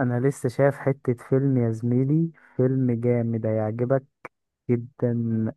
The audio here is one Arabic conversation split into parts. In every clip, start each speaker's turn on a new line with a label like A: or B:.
A: انا لسه شايف حتة فيلم يا زميلي. فيلم جامد هيعجبك جدا.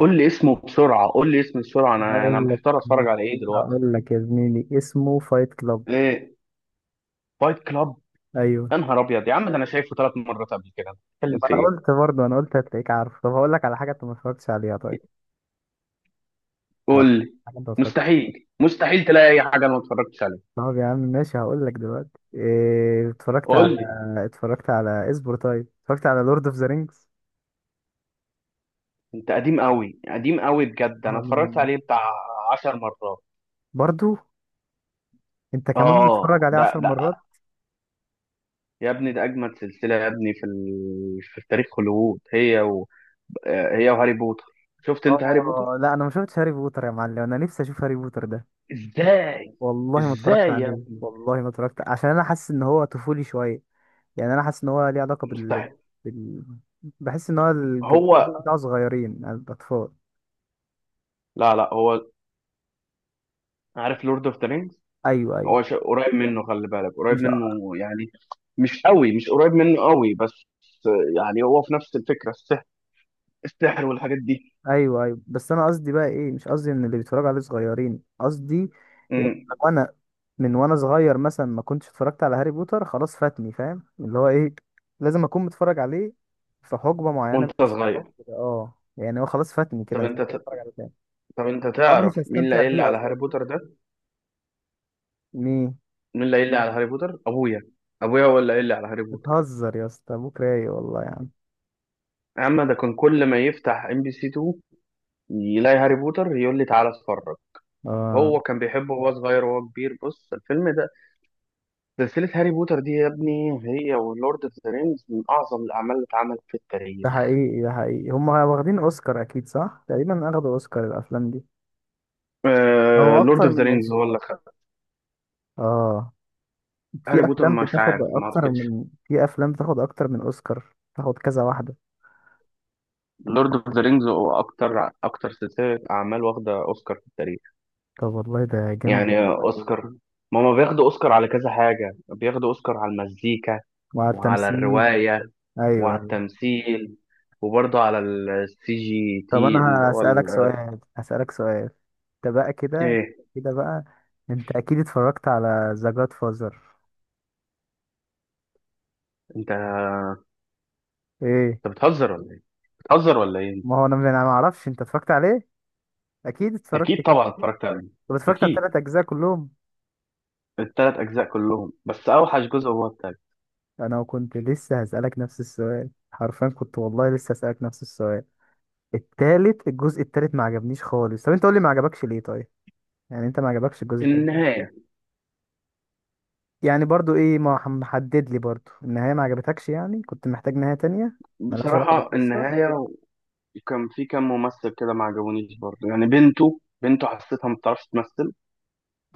B: قول لي اسمه بسرعه قول لي اسمه بسرعه، انا
A: هقول لك
B: محتار اتفرج على ايه دلوقتي؟
A: هقول لك يا زميلي، اسمه فايت كلاب.
B: ايه؟ فايت كلاب.
A: ايوه.
B: يا نهار ابيض يا عم، ده انا شايفه 3 مرات قبل كده، أنا
A: ما
B: بتكلم في
A: انا
B: ايه؟
A: قلت، برضه انا قلت هتلاقيك عارف. طب هقول لك على حاجة انت ما اتفرجتش عليها، طيب. هقول
B: قول لي.
A: لك حاجة انت ما اتفرجتش.
B: مستحيل مستحيل تلاقي اي حاجه انا ما اتفرجتش عليها.
A: طب يا عم ماشي، هقول لك دلوقتي إيه اتفرجت على.
B: قول لي.
A: اصبر، طيب، اتفرجت على لورد اوف ذا رينجز.
B: انت قديم قوي قديم قوي بجد، انا اتفرجت عليه بتاع 10 مرات.
A: برضو انت كمان بتتفرج
B: اه،
A: عليه
B: ده
A: عشر
B: ده
A: مرات
B: يا ابني ده اجمد سلسله يا ابني في تاريخ هوليوود، هي وهاري بوتر. شفت انت هاري بوتر؟
A: اه، لا، انا ما شفتش هاري بوتر يا معلم. انا نفسي اشوف هاري بوتر ده.
B: ازاي؟
A: والله ما اتفرجت
B: ازاي يا
A: عليه،
B: ابني؟
A: والله ما اتفرجت عشان انا حاسس ان هو طفولي شويه. يعني انا حاسس ان هو ليه علاقه
B: مستحيل.
A: بال... بحس ان هو
B: هو.
A: بتاع صغيرين الاطفال.
B: لا لا، هو عارف لورد اوف ذا رينجز؟
A: ايوه، ايوه،
B: قريب منه، خلي بالك قريب
A: مش،
B: منه يعني. مش قوي، مش قريب منه قوي، بس يعني هو في نفس الفكرة، السحر، السحر والحاجات دي.
A: ايوه، ايوه، بس انا قصدي بقى ايه؟ مش قصدي ان اللي بيتفرجوا عليه صغيرين، قصدي ان
B: مم.
A: انا، من وانا صغير مثلا ما كنتش اتفرجت على هاري بوتر، خلاص فاتني، فاهم اللي هو ايه؟ لازم اكون متفرج عليه في حقبه معينه
B: وانت
A: من الزمن
B: صغير.
A: كده. اه، يعني هو خلاص فاتني كده،
B: طب
A: مش
B: انت
A: هتفرج
B: ت-
A: عليه تاني،
B: طب انت
A: او انا
B: تعرف
A: مش
B: مين اللي
A: هستمتع
B: قايل لي
A: بيه
B: على هاري
A: اظن.
B: بوتر ده؟
A: مين؟
B: مين اللي قايل لي على هاري بوتر؟ ابويا. ابويا هو اللي قايل لي على هاري بوتر.
A: بتهزر يا اسطى؟ ابوك رايق والله يا عم.
B: يا عم ده كان كل ما يفتح ام بي سي 2 يلاقي هاري بوتر، يقول لي تعالى اتفرج.
A: اه.
B: هو كان بيحبه وهو صغير وهو كبير. بص الفيلم ده، سلسلة هاري بوتر دي يا ابني هي ولورد اوف ذا رينجز من أعظم الأعمال اللي اتعملت في
A: ده
B: التاريخ.
A: حقيقي، ده حقيقي، هما واخدين اوسكار اكيد صح، تقريبا اخدوا اوسكار الافلام دي.
B: آه،
A: او
B: لورد
A: اكتر
B: اوف ذا
A: من
B: رينجز هو
A: اوسكار.
B: اللي خد.
A: اه،
B: هاري بوتر مش عارف، ما أعتقدش.
A: في افلام بتاخد اكتر من اوسكار، تاخد كذا واحده.
B: لورد اوف ذا رينجز هو أكتر أكتر سلسلة أعمال واخدة أوسكار في التاريخ.
A: طب والله ده جامد.
B: يعني أوسكار، ما هما بياخدوا أوسكار على كذا حاجة، بياخدوا أوسكار على المزيكا،
A: وعلى
B: وعلى
A: التمثيل.
B: الرواية،
A: ايوه،
B: وعلى
A: ايوه.
B: التمثيل، وبرضه على السي جي
A: طب
B: تي اللي
A: انا
B: هو
A: هسألك سؤال، هسألك سؤال. انت بقى كده،
B: إيه؟
A: كده بقى، انت اكيد اتفرجت على ذا جاد فازر.
B: أنت
A: ايه؟
B: أنت بتهزر ولا إيه؟ بتهزر ولا إيه؟
A: ما هو انا، ما انا ما اعرفش انت اتفرجت عليه. اكيد اتفرجت
B: اكيد
A: كده.
B: طبعا اتفرجت عليه.
A: طب اتفرجت على
B: اكيد.
A: الثلاث اجزاء كلهم؟
B: الثلاث اجزاء كلهم، بس اوحش جزء هو التالت.
A: انا كنت لسه هسألك نفس السؤال حرفيا، كنت والله لسه هسألك نفس السؤال. التالت، الجزء التالت ما عجبنيش خالص. طب انت قول لي ما عجبكش ليه طيب، يعني انت ما عجبكش الجزء التالت.
B: النهايه.
A: يعني برضو ايه، ما ح- محدد لي برضو النهاية ما عجبتكش؟ يعني كنت محتاج نهاية تانية ملهاش علاقة
B: بصراحه،
A: بالقصة.
B: النهايه. وكان في كام ممثل كده ما عجبونيش برضه، يعني بنته حسيتها ما بتعرفش تمثل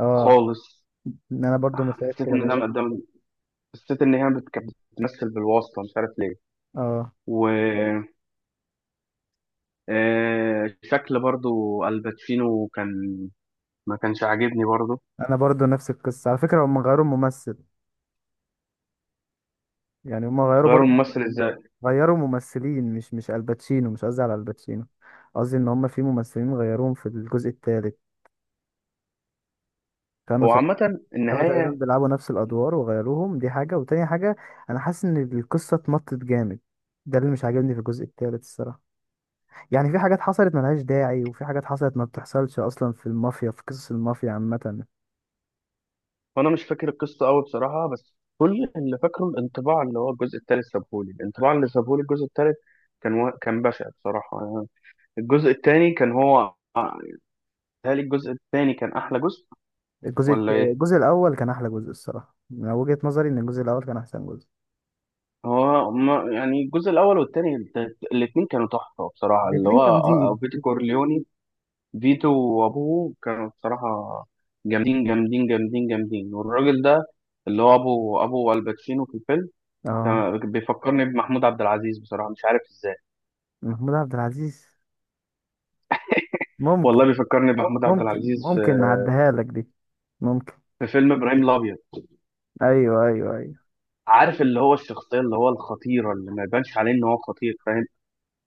A: اه،
B: خالص.
A: ان انا برضو مش شايف
B: حسيت
A: كده
B: ان ده
A: برضو.
B: قدام. حسيت ان كانت بتمثل بالواسطه، مش عارف ليه.
A: اه،
B: و شكل برضه، الباتشينو كان ما كانش عاجبني برضه.
A: انا برضو نفس القصة على فكرة، هم غيروا الممثل. يعني هم غيروا
B: غيروا
A: برضو،
B: الممثل ازاي؟
A: غيروا ممثلين، مش الباتشينو، مش قصدي على الباتشينو. قصدي ان هم في ممثلين غيروهم في الجزء الثالث، كانوا
B: هو
A: تق-
B: عامه
A: كانوا تقريبا
B: النهايه،
A: بيلعبوا نفس الادوار وغيروهم، دي حاجه، وتاني حاجه، انا حاسس ان القصه اتمطت جامد. ده اللي مش عاجبني في الجزء الثالث الصراحه. يعني في حاجات حصلت ملهاش داعي، وفي حاجات حصلت ما بتحصلش اصلا في المافيا، في قصص المافيا عامه.
B: وانا مش فاكر القصه قوي بصراحه، بس كل اللي فاكره الانطباع اللي هو الجزء الثالث سابهولي، الانطباع اللي سابهولي الجزء الثالث كان بشع بصراحه يعني. الجزء الثاني كان هو. هل الجزء الثاني كان احلى جزء ولا ايه؟
A: الجزء الاول كان احلى جزء الصراحه. من وجهه نظري ان الجزء الاول كان احسن جزء.
B: هو ما... يعني الجزء الاول والثاني، الاثنين كانوا تحفه بصراحه، اللي
A: الاتنين
B: هو
A: جامدين.
B: فيتو كورليوني. فيتو وابوه كانوا بصراحه جامدين جامدين جامدين جامدين، والراجل ده اللي هو ابو الباتشينو في الفيلم
A: اه،
B: كان بيفكرني بمحمود عبد العزيز بصراحه، مش عارف ازاي.
A: محمود عبد العزيز. ممكن
B: والله بيفكرني بمحمود عبد
A: ممكن
B: العزيز في
A: ممكن نعديها لك دي. ممكن.
B: في فيلم ابراهيم الابيض.
A: ايوه، ايوه، ايوه،
B: عارف اللي هو الشخصيه، اللي هو الخطيره، اللي ما يبانش عليه ان هو خطير، فاهم؟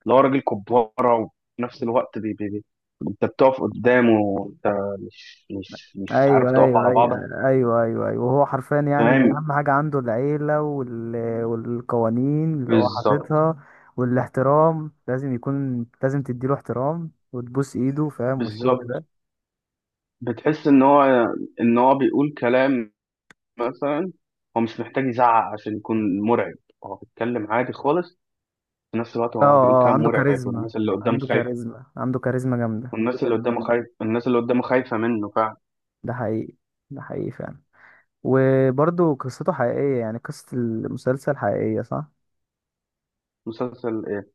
B: اللي هو راجل كباره، وفي نفس الوقت بي بي بي. انت بتقف قدامه، انت مش
A: ايوه،
B: عارف تقف
A: ايوه،
B: على بعضك.
A: ايوه، ايوه، ايوه، ايوه. وهو حرفيا يعني
B: فاهم؟
A: اهم حاجه عنده العيله والقوانين اللي هو
B: بالظبط.
A: حاططها. والاحترام لازم يكون، لازم تديله احترام وتبوس ايده، فاهم، والشغل
B: بالظبط.
A: ده.
B: بتحس ان هو بيقول كلام، مثلا. هو مش محتاج يزعق عشان يكون مرعب، هو بيتكلم عادي خالص، في نفس الوقت هو بيقول
A: اه، اه،
B: كلام
A: عنده
B: مرعب
A: كاريزما،
B: والناس اللي قدامه
A: عنده
B: خايفه.
A: كاريزما، عنده كاريزما جامده.
B: والناس اللي قدامه خايف الناس اللي قدامه خايفة منه فعلا.
A: ده حقيقي، ده حقيقي فعلا. وبرضه قصته حقيقيه، يعني قصه المسلسل حقيقيه، صح؟
B: مسلسل ايه؟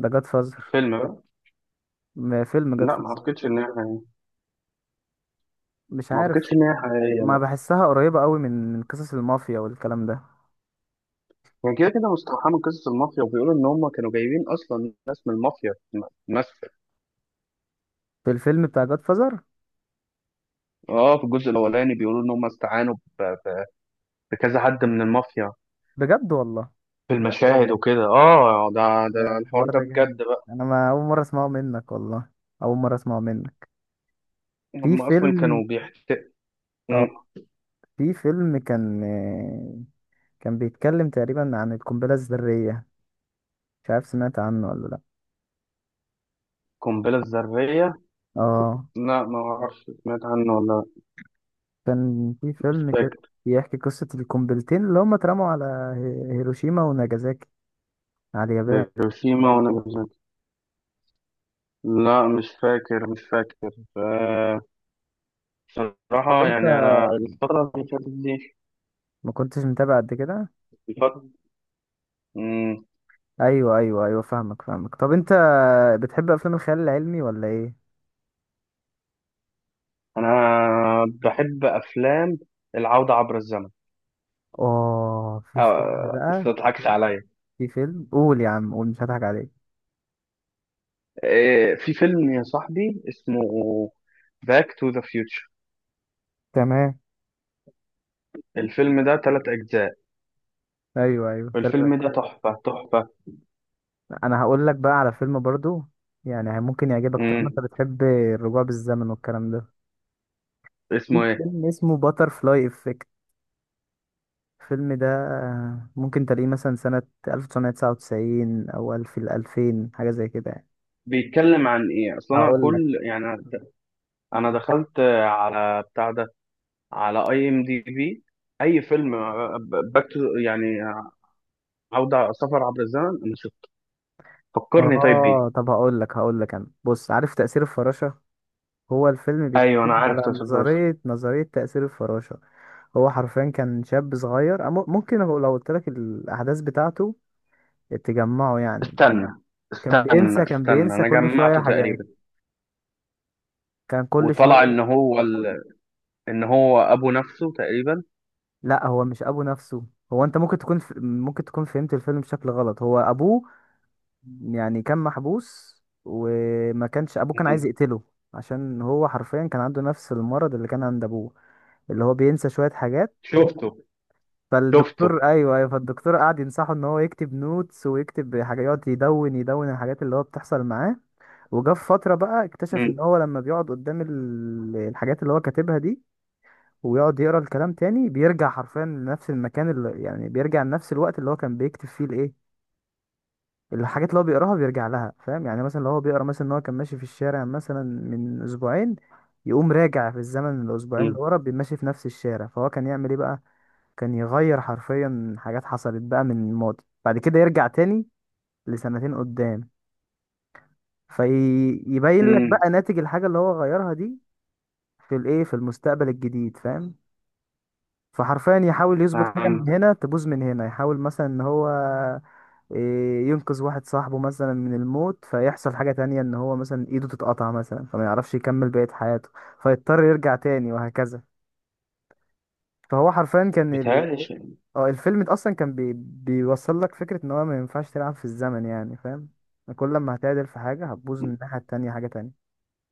A: ده جاد فازر.
B: فيلم بقى.
A: فيلم جاد
B: لا ما
A: فازر.
B: اعتقدش ان هي حقيقية.
A: مش
B: ما
A: عارف.
B: اعتقدش ان هي حقيقية،
A: ما
B: لا.
A: بحسها قريبة قوي من قصص المافيا والكلام ده.
B: هي كده كده مستوحاة من قصص المافيا، وبيقولوا ان هم كانوا جايبين اصلا ناس من المافيا تمثل.
A: في الفيلم بتاع جاد فازر.
B: اه، في الجزء الاولاني بيقولوا ان هم استعانوا بكذا حد من المافيا
A: بجد والله؟
B: في المشاهد وكده. اه، ده
A: ده
B: ده الحوار
A: الحوار
B: ده
A: ده
B: بجد
A: جامد.
B: بقى.
A: انا ما اول مرة اسمعه منك والله، اول مرة اسمعه منك. في
B: هم اصلا
A: فيلم
B: كانوا بيحتقوا.
A: اه في فيلم كان، كان بيتكلم تقريبا عن القنبلة الذرية. مش عارف سمعت عنه ولا لا.
B: القنبلة الذرية؟
A: اه،
B: لا ما اعرفش، سمعت عنه ولا لأ.
A: كان في
B: مش
A: فيلم كده
B: فاكر.
A: بيحكي قصة القنبلتين اللي هما اترموا على هيروشيما وناجازاكي، على اليابان.
B: هيروشيما وناجازاكي. لا مش فاكر، مش فاكر. آه،
A: طب
B: بصراحة
A: انت
B: يعني أنا الفترة اللي فاتت دي.
A: ما كنتش متابع قد كده؟
B: الفترة. مم،
A: ايوه، ايوه، ايوه، فاهمك، فاهمك. طب انت بتحب افلام الخيال العلمي ولا ايه؟
B: أنا بحب أفلام العودة عبر الزمن.
A: اه، في فيلم
B: بس
A: بقى
B: ما
A: في
B: تضحكش
A: فيلم
B: عليا.
A: في فيلم قول يا عم قول، مش هضحك عليك.
B: في فيلم يا صاحبي اسمه باك تو ذا فيوتشر.
A: تمام.
B: الفيلم ده 3 أجزاء.
A: ايوه، ايوه، تمام.
B: الفيلم ده تحفة تحفة.
A: انا هقول لك بقى على فيلم برضو. يعني ممكن يعجبك طالما انت
B: مم.
A: بتحب الرجوع بالزمن والكلام ده.
B: اسمه
A: في
B: إيه؟
A: فيلم اسمه باتر فلاي افكت. الفيلم ده ممكن تلاقيه مثلا سنة 1999 او الف الالفين، حاجة زي كده يعني.
B: بيتكلم عن إيه؟ أصلا أنا
A: هقول لك
B: كل يعني، أنا دخلت على بتاع ده، على اي ام دي بي، اي فيلم باك تو، يعني عوده، سفر عبر الزمن، انا شفته، فكرني طيب بيه.
A: اه طب هقول لك هقول لك انا، بص، عارف تأثير الفراشة؟ هو الفيلم
B: ايوه
A: بيتكلم
B: انا عارف
A: على
B: تاسل فرس.
A: نظرية تأثير الفراشة. هو حرفيا كان شاب صغير. ممكن لو قلت لك الأحداث بتاعته تجمعه يعني.
B: استنى،
A: كان
B: استنى
A: بينسى كان
B: استنى،
A: بينسى
B: انا
A: كل شوية
B: جمعته تقريبا،
A: حاجات. كان كل
B: وطلع
A: شوية.
B: ان هو ابو نفسه تقريبا.
A: لا، هو مش أبو نفسه. أنت ممكن تكون ممكن تكون فهمت الفيلم بشكل غلط. هو أبوه يعني، كان محبوس، وما كانش أبوه، كان عايز
B: مم.
A: يقتله عشان هو حرفيا كان عنده نفس المرض اللي كان عند أبوه، اللي هو بينسى شوية حاجات.
B: شفته. شفته.
A: ايوه، ايوه، فالدكتور قعد ينصحه ان هو يكتب نوتس ويكتب حاجه، يقعد يدون يدون الحاجات اللي هو بتحصل معاه. وجا في فتره بقى اكتشف
B: مم.
A: ان هو لما بيقعد قدام الحاجات اللي هو كاتبها دي ويقعد يقرا الكلام تاني، بيرجع حرفيا لنفس المكان، اللي يعني بيرجع لنفس الوقت اللي هو كان بيكتب فيه الايه، الحاجات اللي هو بيقراها بيرجع لها، فاهم؟ يعني مثلا لو هو بيقرا مثلا ان هو كان ماشي في الشارع مثلا من اسبوعين، يقوم راجع في الزمن الاسبوعين اللي
B: مم.
A: ورا، بيمشي في نفس الشارع. فهو كان يعمل ايه بقى؟ كان يغير حرفيا حاجات حصلت بقى من الماضي، بعد كده يرجع تاني لسنتين قدام، فيبين لك
B: مم.
A: بقى ناتج الحاجة اللي هو غيرها دي في الايه، في المستقبل الجديد، فاهم؟ فحرفيا يحاول يظبط حاجة،
B: فهمت.
A: من هنا تبوظ من هنا. يحاول مثلا ان هو ينقذ واحد صاحبه مثلا من الموت، فيحصل حاجة تانية ان هو مثلا ايده تتقطع مثلا، فما يعرفش يكمل بقية حياته، فيضطر يرجع تاني وهكذا. فهو حرفيا كان.
B: بيتهيألي
A: اه، الفيلم ده اصلا كان بيوصل لك فكرة ان هو ما ينفعش تلعب في الزمن، يعني، فاهم. كل ما هتعدل في حاجة هتبوظ من الناحية التانية حاجة تانية.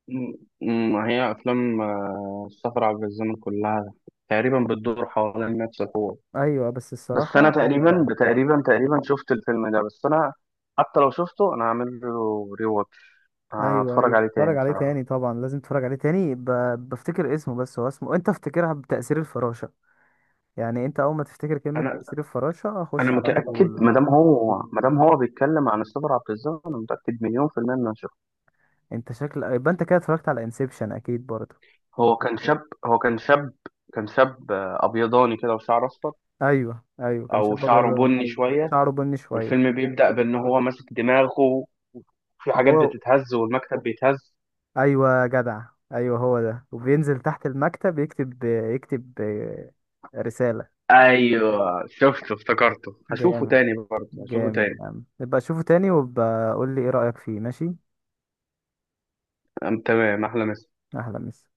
B: مم. مم. هي افلام السفر عبر الزمن كلها تقريبا بتدور حوالين نفس الحوار.
A: ايوه، بس
B: بس انا
A: الصراحة
B: تقريبا
A: ممتع.
B: تقريبا تقريبا شفت الفيلم ده، بس انا حتى لو شفته انا هعمل له ري واتش،
A: ايوه،
B: هتفرج
A: ايوه،
B: عليه تاني
A: اتفرج عليه
B: بصراحه.
A: تاني، طبعا لازم تتفرج عليه تاني بفتكر اسمه بس. هو اسمه انت افتكرها بتأثير الفراشة. يعني انت اول ما تفتكر كلمة
B: انا
A: تأثير الفراشة
B: انا
A: خش على
B: متاكد، ما
A: طول.
B: دام هو ما دام هو بيتكلم عن السفر عبر الزمن، انا متاكد مليون في الميه ان انا شفته.
A: انت شكل يبقى انت كده اتفرجت على انسبشن اكيد برضه.
B: هو كان شاب، هو كان شاب، كان شاب ابيضاني كده، وشعر اصفر،
A: ايوه، ايوه، كان
B: او
A: شاب
B: شعره
A: ابيضاني،
B: بني شويه.
A: شعره بني شوية.
B: والفيلم بيبدا بان هو ماسك دماغه، وفي حاجات
A: وهو،
B: بتتهز والمكتب بيتهز.
A: ايوه يا جدع، ايوه هو ده. وبينزل تحت المكتب يكتب رسالة.
B: ايوه شفته، افتكرته، هشوفه
A: جامد،
B: تاني برضه، هشوفه
A: جامد
B: تاني.
A: يا عم. نبقى اشوفه تاني وابقى قول لي ايه رأيك فيه، ماشي؟
B: تمام. أحلى مسا.
A: اهلا مس